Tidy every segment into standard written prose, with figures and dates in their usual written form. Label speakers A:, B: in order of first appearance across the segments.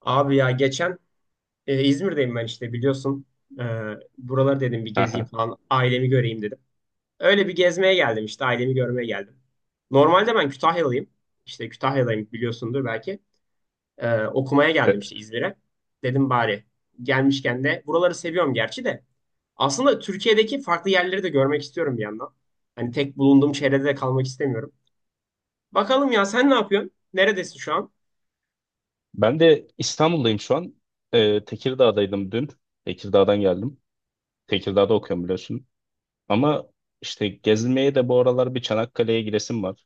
A: Abi ya geçen İzmir'deyim ben işte biliyorsun. E, Buraları dedim bir gezeyim
B: Aha.
A: falan. Ailemi göreyim dedim. Öyle bir gezmeye geldim işte ailemi görmeye geldim. Normalde ben Kütahyalıyım. İşte Kütahyalıyım biliyorsundur belki. Okumaya
B: E,
A: geldim işte İzmir'e. Dedim bari gelmişken de buraları seviyorum gerçi de. Aslında Türkiye'deki farklı yerleri de görmek istiyorum bir yandan. Hani tek bulunduğum çevrede de kalmak istemiyorum. Bakalım ya, sen ne yapıyorsun? Neredesin şu an?
B: Ben de İstanbul'dayım şu an. Tekirdağ'daydım dün. Tekirdağ'dan geldim. Tekirdağ'da okuyorum biliyorsun. Ama işte gezilmeye de bu aralar bir Çanakkale'ye gidesim var.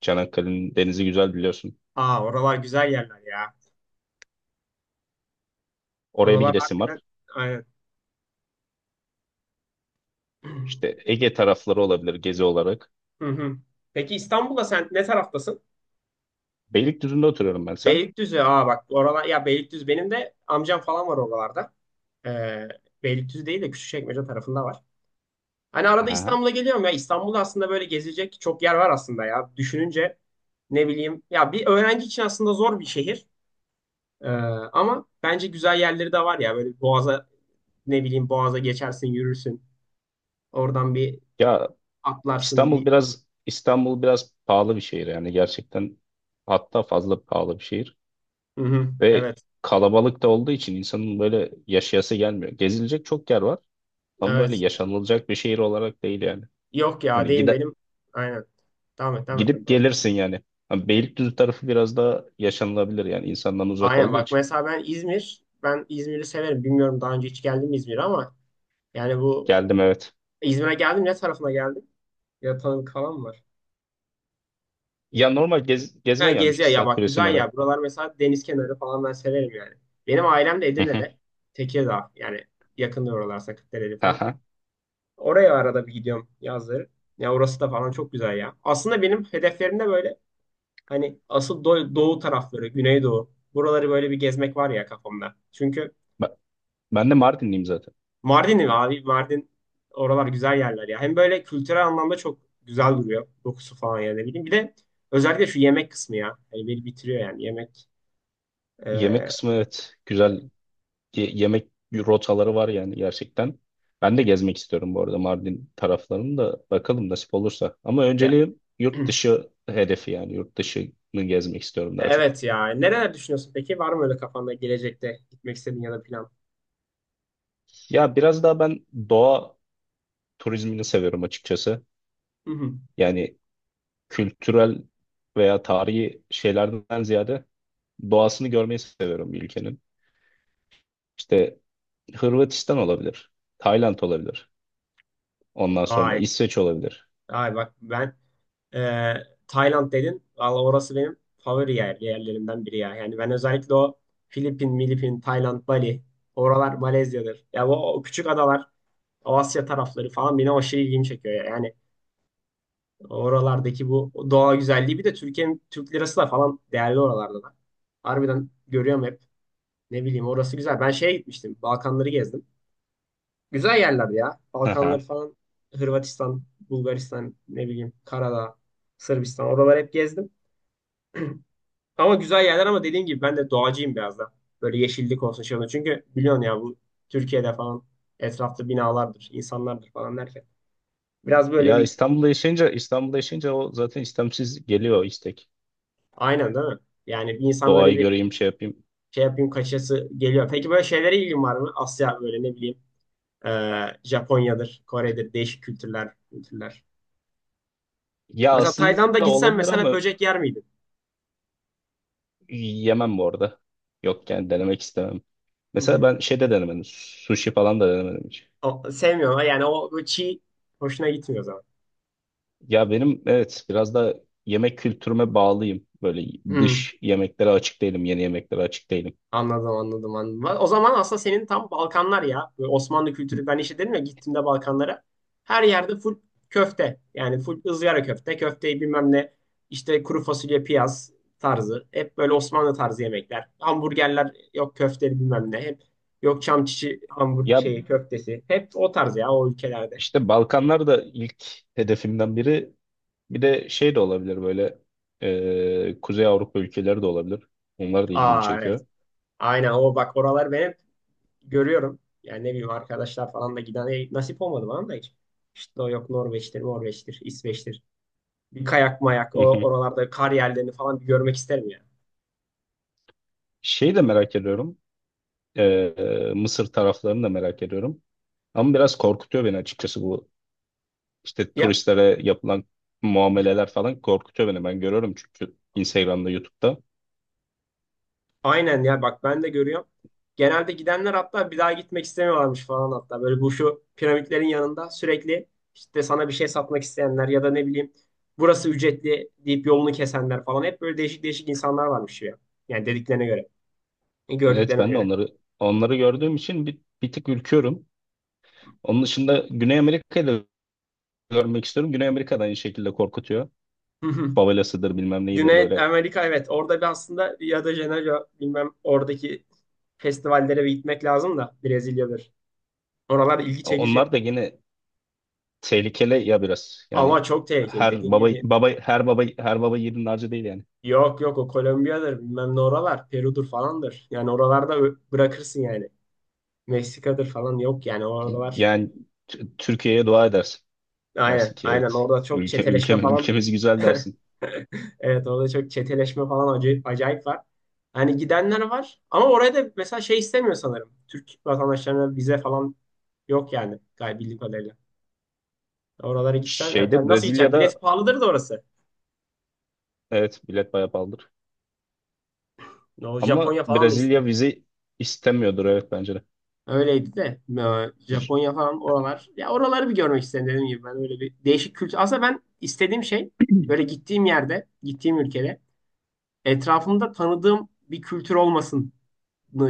B: Çanakkale'nin denizi güzel biliyorsun.
A: Aa, oralar güzel yerler ya.
B: Oraya bir
A: Oralar
B: gidesim
A: harbiden
B: var.
A: aynen.
B: İşte Ege tarafları olabilir gezi olarak.
A: Hı hı. Peki İstanbul'da sen ne taraftasın?
B: Beylikdüzü'nde oturuyorum ben sen.
A: Beylikdüzü. Aa bak, oralar ya, Beylikdüzü benim de amcam falan var oralarda. Ee, Beylikdüzü değil de Küçükçekmece tarafında var. Hani arada
B: Aha.
A: İstanbul'a geliyorum ya. İstanbul'da aslında böyle gezilecek çok yer var aslında ya. Düşününce ne bileyim ya, bir öğrenci için aslında zor bir şehir. Ee, ama bence güzel yerleri de var ya. Böyle Boğaz'a ne bileyim, Boğaz'a geçersin, yürürsün. Oradan bir
B: Ya
A: atlarsın bir.
B: İstanbul biraz pahalı bir şehir yani, gerçekten hatta fazla pahalı bir şehir
A: Hı hı.
B: ve
A: Evet.
B: kalabalık da olduğu için insanın böyle yaşayası gelmiyor. Gezilecek çok yer var. Ama böyle
A: Evet.
B: yaşanılacak bir şehir olarak değil yani.
A: Yok ya,
B: Hani
A: değil benim. Aynen. Tamam et, tamam et.
B: gidip
A: Doğru.
B: gelirsin yani. Hani Beylikdüzü tarafı biraz daha yaşanılabilir yani, insandan uzak
A: Aynen
B: olduğu
A: bak,
B: için.
A: mesela ben İzmir. Ben İzmir'i severim. Bilmiyorum daha önce hiç geldim mi İzmir'e, ama yani bu
B: Geldim, evet.
A: İzmir'e geldim, ne tarafına geldim? Ya tanıdık falan mı var?
B: Ya normal
A: Ha
B: gezmeye gelmiştik,
A: Gezi'ye, ya
B: Saat
A: bak
B: Kulesi'nin
A: güzel
B: oraya.
A: ya. Buralar mesela deniz kenarı falan ben severim yani. Benim ailem de
B: Hı hı.
A: Edirne'de. Tekirdağ yani yakında oralar, Sakatdere'li falan.
B: Aha.
A: Oraya arada bir gidiyorum yazları. Ya orası da falan çok güzel ya. Aslında benim hedeflerimde böyle, hani asıl doğu tarafları, Güneydoğu. Buraları böyle bir gezmek var ya kafamda. Çünkü
B: Ben, ben de Mardinliyim zaten.
A: Mardin'im abi. Mardin, oralar güzel yerler ya. Hem böyle kültürel anlamda çok güzel duruyor. Dokusu falan ya, ne bileyim. Bir de özellikle şu yemek kısmı ya. Hani beni bitiriyor yani yemek.
B: Yemek
A: Ee,
B: kısmı evet güzel. Yemek rotaları var yani, gerçekten. Ben de gezmek istiyorum bu arada Mardin taraflarını da, bakalım nasip olursa. Ama
A: ya.
B: önceliğim yurt dışı hedefi, yani yurt dışını gezmek istiyorum daha çok.
A: Evet ya. Neler düşünüyorsun peki? Var mı öyle kafanda gelecekte gitmek istediğin ya da plan?
B: Ya biraz daha ben doğa turizmini seviyorum açıkçası.
A: Hı hı.
B: Yani kültürel veya tarihi şeylerden ziyade doğasını görmeyi seviyorum bir ülkenin. İşte Hırvatistan olabilir, Tayland olabilir. Ondan sonra
A: Vay.
B: İsveç olabilir.
A: Vay bak ben, Ee, Tayland dedin. Valla orası benim favori yerlerimden biri ya. Yani ben özellikle o Filipin, Milipin, Tayland, Bali. Oralar Malezya'dır. Ya bu o küçük adalar, o Asya tarafları falan beni aşırı ilgimi çekiyor ya. Yani oralardaki bu doğa güzelliği, bir de Türkiye'nin, Türk lirası da falan değerli oralarda da. Harbiden görüyorum hep. Ne bileyim, orası güzel. Ben şeye gitmiştim. Balkanları gezdim. Güzel yerler ya. Balkanları
B: Aha.
A: falan, Hırvatistan, Bulgaristan, ne bileyim Karadağ, Sırbistan. Oraları hep gezdim. Ama güzel yerler, ama dediğim gibi ben de doğacıyım biraz da. Böyle yeşillik olsun, şey olsun. Çünkü biliyorsun ya, bu Türkiye'de falan etrafta binalardır, insanlardır falan derken. Biraz böyle
B: Ya
A: bir,
B: İstanbul'da yaşayınca o zaten istemsiz geliyor o istek.
A: aynen değil mi? Yani bir insan böyle
B: Doğayı
A: bir
B: göreyim, şey yapayım.
A: şey yapayım, kaçası geliyor. Peki böyle şeylere ilgin var mı? Asya böyle, ne bileyim, e, Japonya'dır, Kore'dir, değişik kültürler.
B: Ya
A: Mesela
B: aslında
A: Tayland'a gitsen
B: olabilir
A: mesela
B: ama
A: böcek yer miydin?
B: yemem bu arada. Yok yani, denemek istemem.
A: Hı
B: Mesela
A: hı.
B: ben şeyde denemedim. Sushi falan da denemedim hiç.
A: O, sevmiyorum yani, o çiğ hoşuna gitmiyor o zaman.
B: Ya benim evet, biraz da yemek kültürüme bağlıyım. Böyle
A: Hı.
B: dış yemeklere açık değilim, yeni yemeklere açık değilim.
A: Anladım, anladım, anladım. O zaman aslında senin tam Balkanlar ya. Böyle Osmanlı kültürü, ben işte dedim ya, gittiğimde Balkanlara. Her yerde full köfte. Yani full ızgara köfte. Köfteyi bilmem ne, işte kuru fasulye, piyaz tarzı. Hep böyle Osmanlı tarzı yemekler. Hamburgerler yok, köfteli bilmem ne. Hep yok, çam çiçi hamburg
B: Ya
A: şeyi köftesi. Hep o tarz ya o ülkelerde.
B: işte Balkanlar da ilk hedefimden biri. Bir de şey de olabilir, böyle Kuzey Avrupa ülkeleri de olabilir. Onlar da ilgimi
A: Aa evet.
B: çekiyor.
A: Aynen, o bak oralar ben hep görüyorum. Yani ne bileyim, arkadaşlar falan da giden, nasip olmadı bana da hiç. İşte o yok, Norveç'tir, İsveç'tir. Bir kayak mayak
B: Hı
A: o
B: hı.
A: oralarda kar yerlerini falan bir görmek isterim ya.
B: Şey de merak ediyorum. Mısır taraflarını da merak ediyorum. Ama biraz korkutuyor beni açıkçası, bu işte
A: Ya
B: turistlere yapılan
A: d-
B: muameleler falan korkutuyor beni. Ben görüyorum çünkü, Instagram'da, YouTube'da.
A: aynen ya bak, ben de görüyorum. Genelde gidenler hatta bir daha gitmek istemiyorlarmış falan hatta. Böyle bu şu piramitlerin yanında sürekli işte sana bir şey satmak isteyenler ya da, ne bileyim, burası ücretli deyip yolunu kesenler falan, hep böyle değişik değişik insanlar varmış ya. Yani dediklerine göre,
B: Evet,
A: gördüklerine
B: ben de
A: göre.
B: onları gördüğüm için bir tık ürküyorum. Onun dışında Güney Amerika'yı da görmek istiyorum. Güney Amerika da aynı şekilde korkutuyor.
A: Hı hı.
B: Favelasıdır bilmem neyidir
A: Güney
B: böyle.
A: Amerika, evet orada bir aslında, ya da Janeiro bilmem, oradaki festivallere bir gitmek lazım da, Brezilya'dır. Oralar ilgi çekici.
B: Onlar da yine tehlikeli ya biraz.
A: Ama
B: Yani
A: çok tehlikeli
B: her
A: dediğin
B: baba
A: gibi.
B: baba her baba her baba yiğidin harcı değil yani.
A: Yok yok, o Kolombiya'dır bilmem ne oralar. Peru'dur falandır. Yani oralarda bırakırsın yani. Meksika'dır falan, yok yani oralar.
B: Yani Türkiye'ye dua edersin. Dersin
A: Aynen
B: ki,
A: aynen,
B: evet.
A: orada çok
B: Ülke, ülke,
A: çeteleşme falan.
B: ülkemiz güzel dersin.
A: Evet, orada çok çeteleşme falan, acayip, acayip var. Hani gidenler var, ama oraya da mesela şey istemiyor sanırım. Türk vatandaşlarına vize falan yok yani galiba, bildiğim kadarıyla. Oralara gitsen yani, tabii nasıl gideceksin? Bilet
B: Brezilya'da
A: pahalıdır da orası.
B: evet, bilet bayağı pahalıdır.
A: O
B: Ama
A: Japonya falan da
B: Brezilya
A: istemiyor.
B: vize istemiyordur, evet, bence de.
A: Öyleydi de, Japonya falan oralar. Ya oraları bir görmek istedim, dediğim gibi ben öyle bir değişik kültür. Aslında ben istediğim şey, böyle gittiğim yerde, gittiğim ülkede etrafımda tanıdığım bir kültür olmasını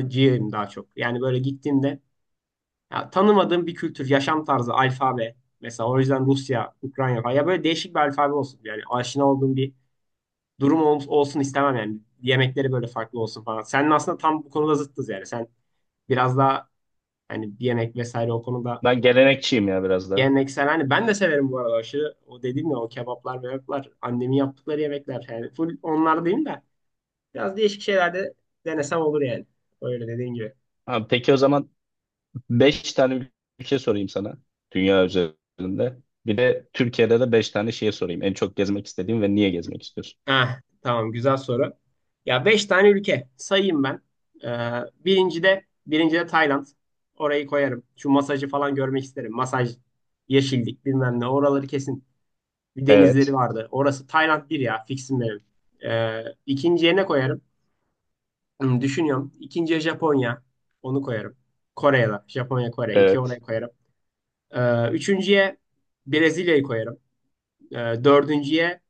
A: ciğerim daha çok. Yani böyle gittiğimde ya, tanımadığım bir kültür, yaşam tarzı, alfabe. Mesela o yüzden Rusya, Ukrayna falan. Ya böyle değişik bir alfabe olsun. Yani aşina olduğum bir durum olsun istemem yani. Yemekleri böyle farklı olsun falan. Senin aslında tam bu konuda zıttız yani. Sen biraz daha hani yemek vesaire o konuda
B: Ben gelenekçiyim ya, biraz daha.
A: geleneksel, hani ben de severim bu arada aşırı, o dediğim ya, o kebaplar mebaplar, annemin yaptıkları yemekler, yani full onlar değil de biraz değişik şeylerde denesem olur yani, öyle dediğin gibi.
B: Ha, peki o zaman beş tane ülke sorayım sana, dünya üzerinde. Bir de Türkiye'de de beş tane şehir sorayım. En çok gezmek istediğin ve niye gezmek istiyorsun?
A: Heh, tamam, güzel soru. Ya 5 tane ülke sayayım ben. Ee, birinci de Tayland. Orayı koyarım. Şu masajı falan görmek isterim. Masaj, yeşillik bilmem ne, oraları kesin. Bir denizleri
B: Evet,
A: vardı. Orası Tayland bir ya, fixim benim. İkinciye ne koyarım? Hmm, düşünüyorum. İkinciye Japonya. Onu koyarım. Kore'ye de. Japonya, Kore. İki oraya
B: evet,
A: koyarım. Üçüncüye Brezilya'yı koyarım. Ee, Dördüncüye,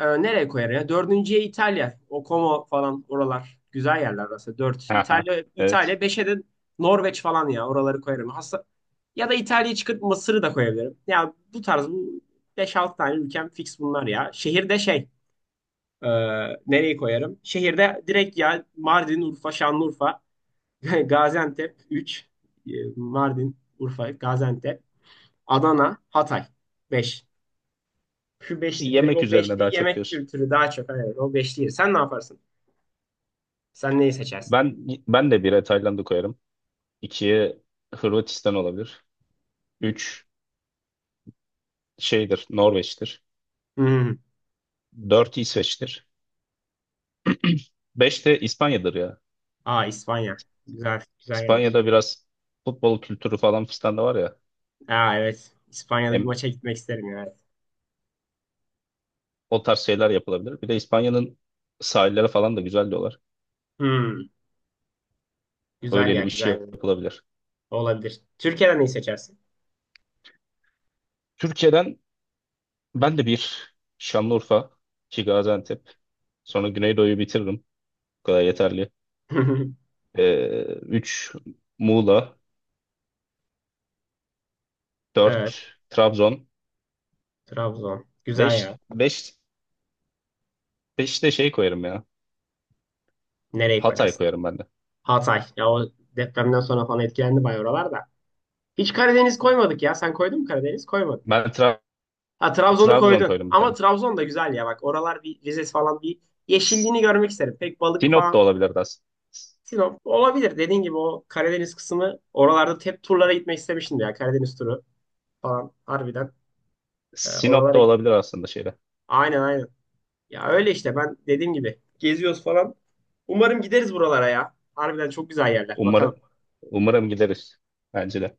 A: nereye koyarım ya? Dördüncüye İtalya. O Como falan oralar. Güzel yerler orası. Dört.
B: haha,
A: İtalya,
B: evet.
A: İtalya. Beşe de Norveç falan ya. Oraları koyarım. Hasta. Ya da İtalya'yı çıkıp Mısır'ı da koyabilirim. Ya bu tarz, bu beş 6 tane ülkem fix bunlar ya. Şehirde şey. e, Nereyi koyarım? Şehirde direkt ya, Mardin, Urfa, Şanlıurfa. Gaziantep 3, Mardin, Urfa, Gaziantep, Adana, Hatay 5. Şu beşli, direkt
B: Yemek
A: o
B: üzerine daha
A: beşli
B: çok
A: yemek
B: diyorsun.
A: kültürü daha çok. Evet, o beşli. Sen ne yaparsın? Sen neyi seçersin?
B: Ben ben de bire Tayland'ı koyarım. İkiye Hırvatistan olabilir. Üç şeydir, Norveç'tir.
A: Hmm.
B: Dört İsveç'tir. Beş de İspanya'dır ya.
A: Aa, İspanya. Güzel, güzel yerler.
B: İspanya'da biraz futbol kültürü falan fistan da var ya.
A: Aa evet. İspanya'da bir
B: Hem
A: maça gitmek isterim ya. Evet.
B: o tarz şeyler yapılabilir. Bir de İspanya'nın sahilleri falan da güzel diyorlar.
A: Hmm. Güzel ya,
B: Öyleli bir şey
A: güzel.
B: yapılabilir.
A: Olabilir. Türkiye'den neyi seçersin?
B: Türkiye'den ben de bir Şanlıurfa, iki Gaziantep, sonra Güneydoğu'yu bitiririm. Bu kadar yeterli. Üç Muğla,
A: Evet,
B: dört Trabzon,
A: Trabzon. Güzel
B: beş,
A: ya.
B: beş, beş de şey koyarım ya.
A: Nereyi
B: Hatay
A: koyarsın?
B: koyarım ben de.
A: Hatay. Ya o depremden sonra falan etkilendi bayağı oralar da. Hiç Karadeniz koymadık ya. Sen koydun mu Karadeniz? Koymadın.
B: Ben
A: Ha, Trabzon'u
B: Trabzon
A: koydun.
B: koyarım bir
A: Ama
B: tane.
A: Trabzon da güzel ya bak. Oralar bir Rize falan, bir
B: S-
A: yeşilliğini görmek isterim. Pek balık
B: Sinop
A: falan.
B: da olabilir aslında.
A: Sinop olabilir. Dediğin gibi o Karadeniz kısmı, oralarda hep turlara gitmek istemiştim ya. Karadeniz turu falan harbiden.
B: Sinop
A: Oralara
B: da
A: git.
B: olabilir aslında şeyde.
A: Aynen aynen. Ya öyle işte, ben dediğim gibi geziyoruz falan. Umarım gideriz buralara ya. Harbiden çok güzel yerler.
B: Umarım,
A: Bakalım.
B: Umarım gideriz. Bence de.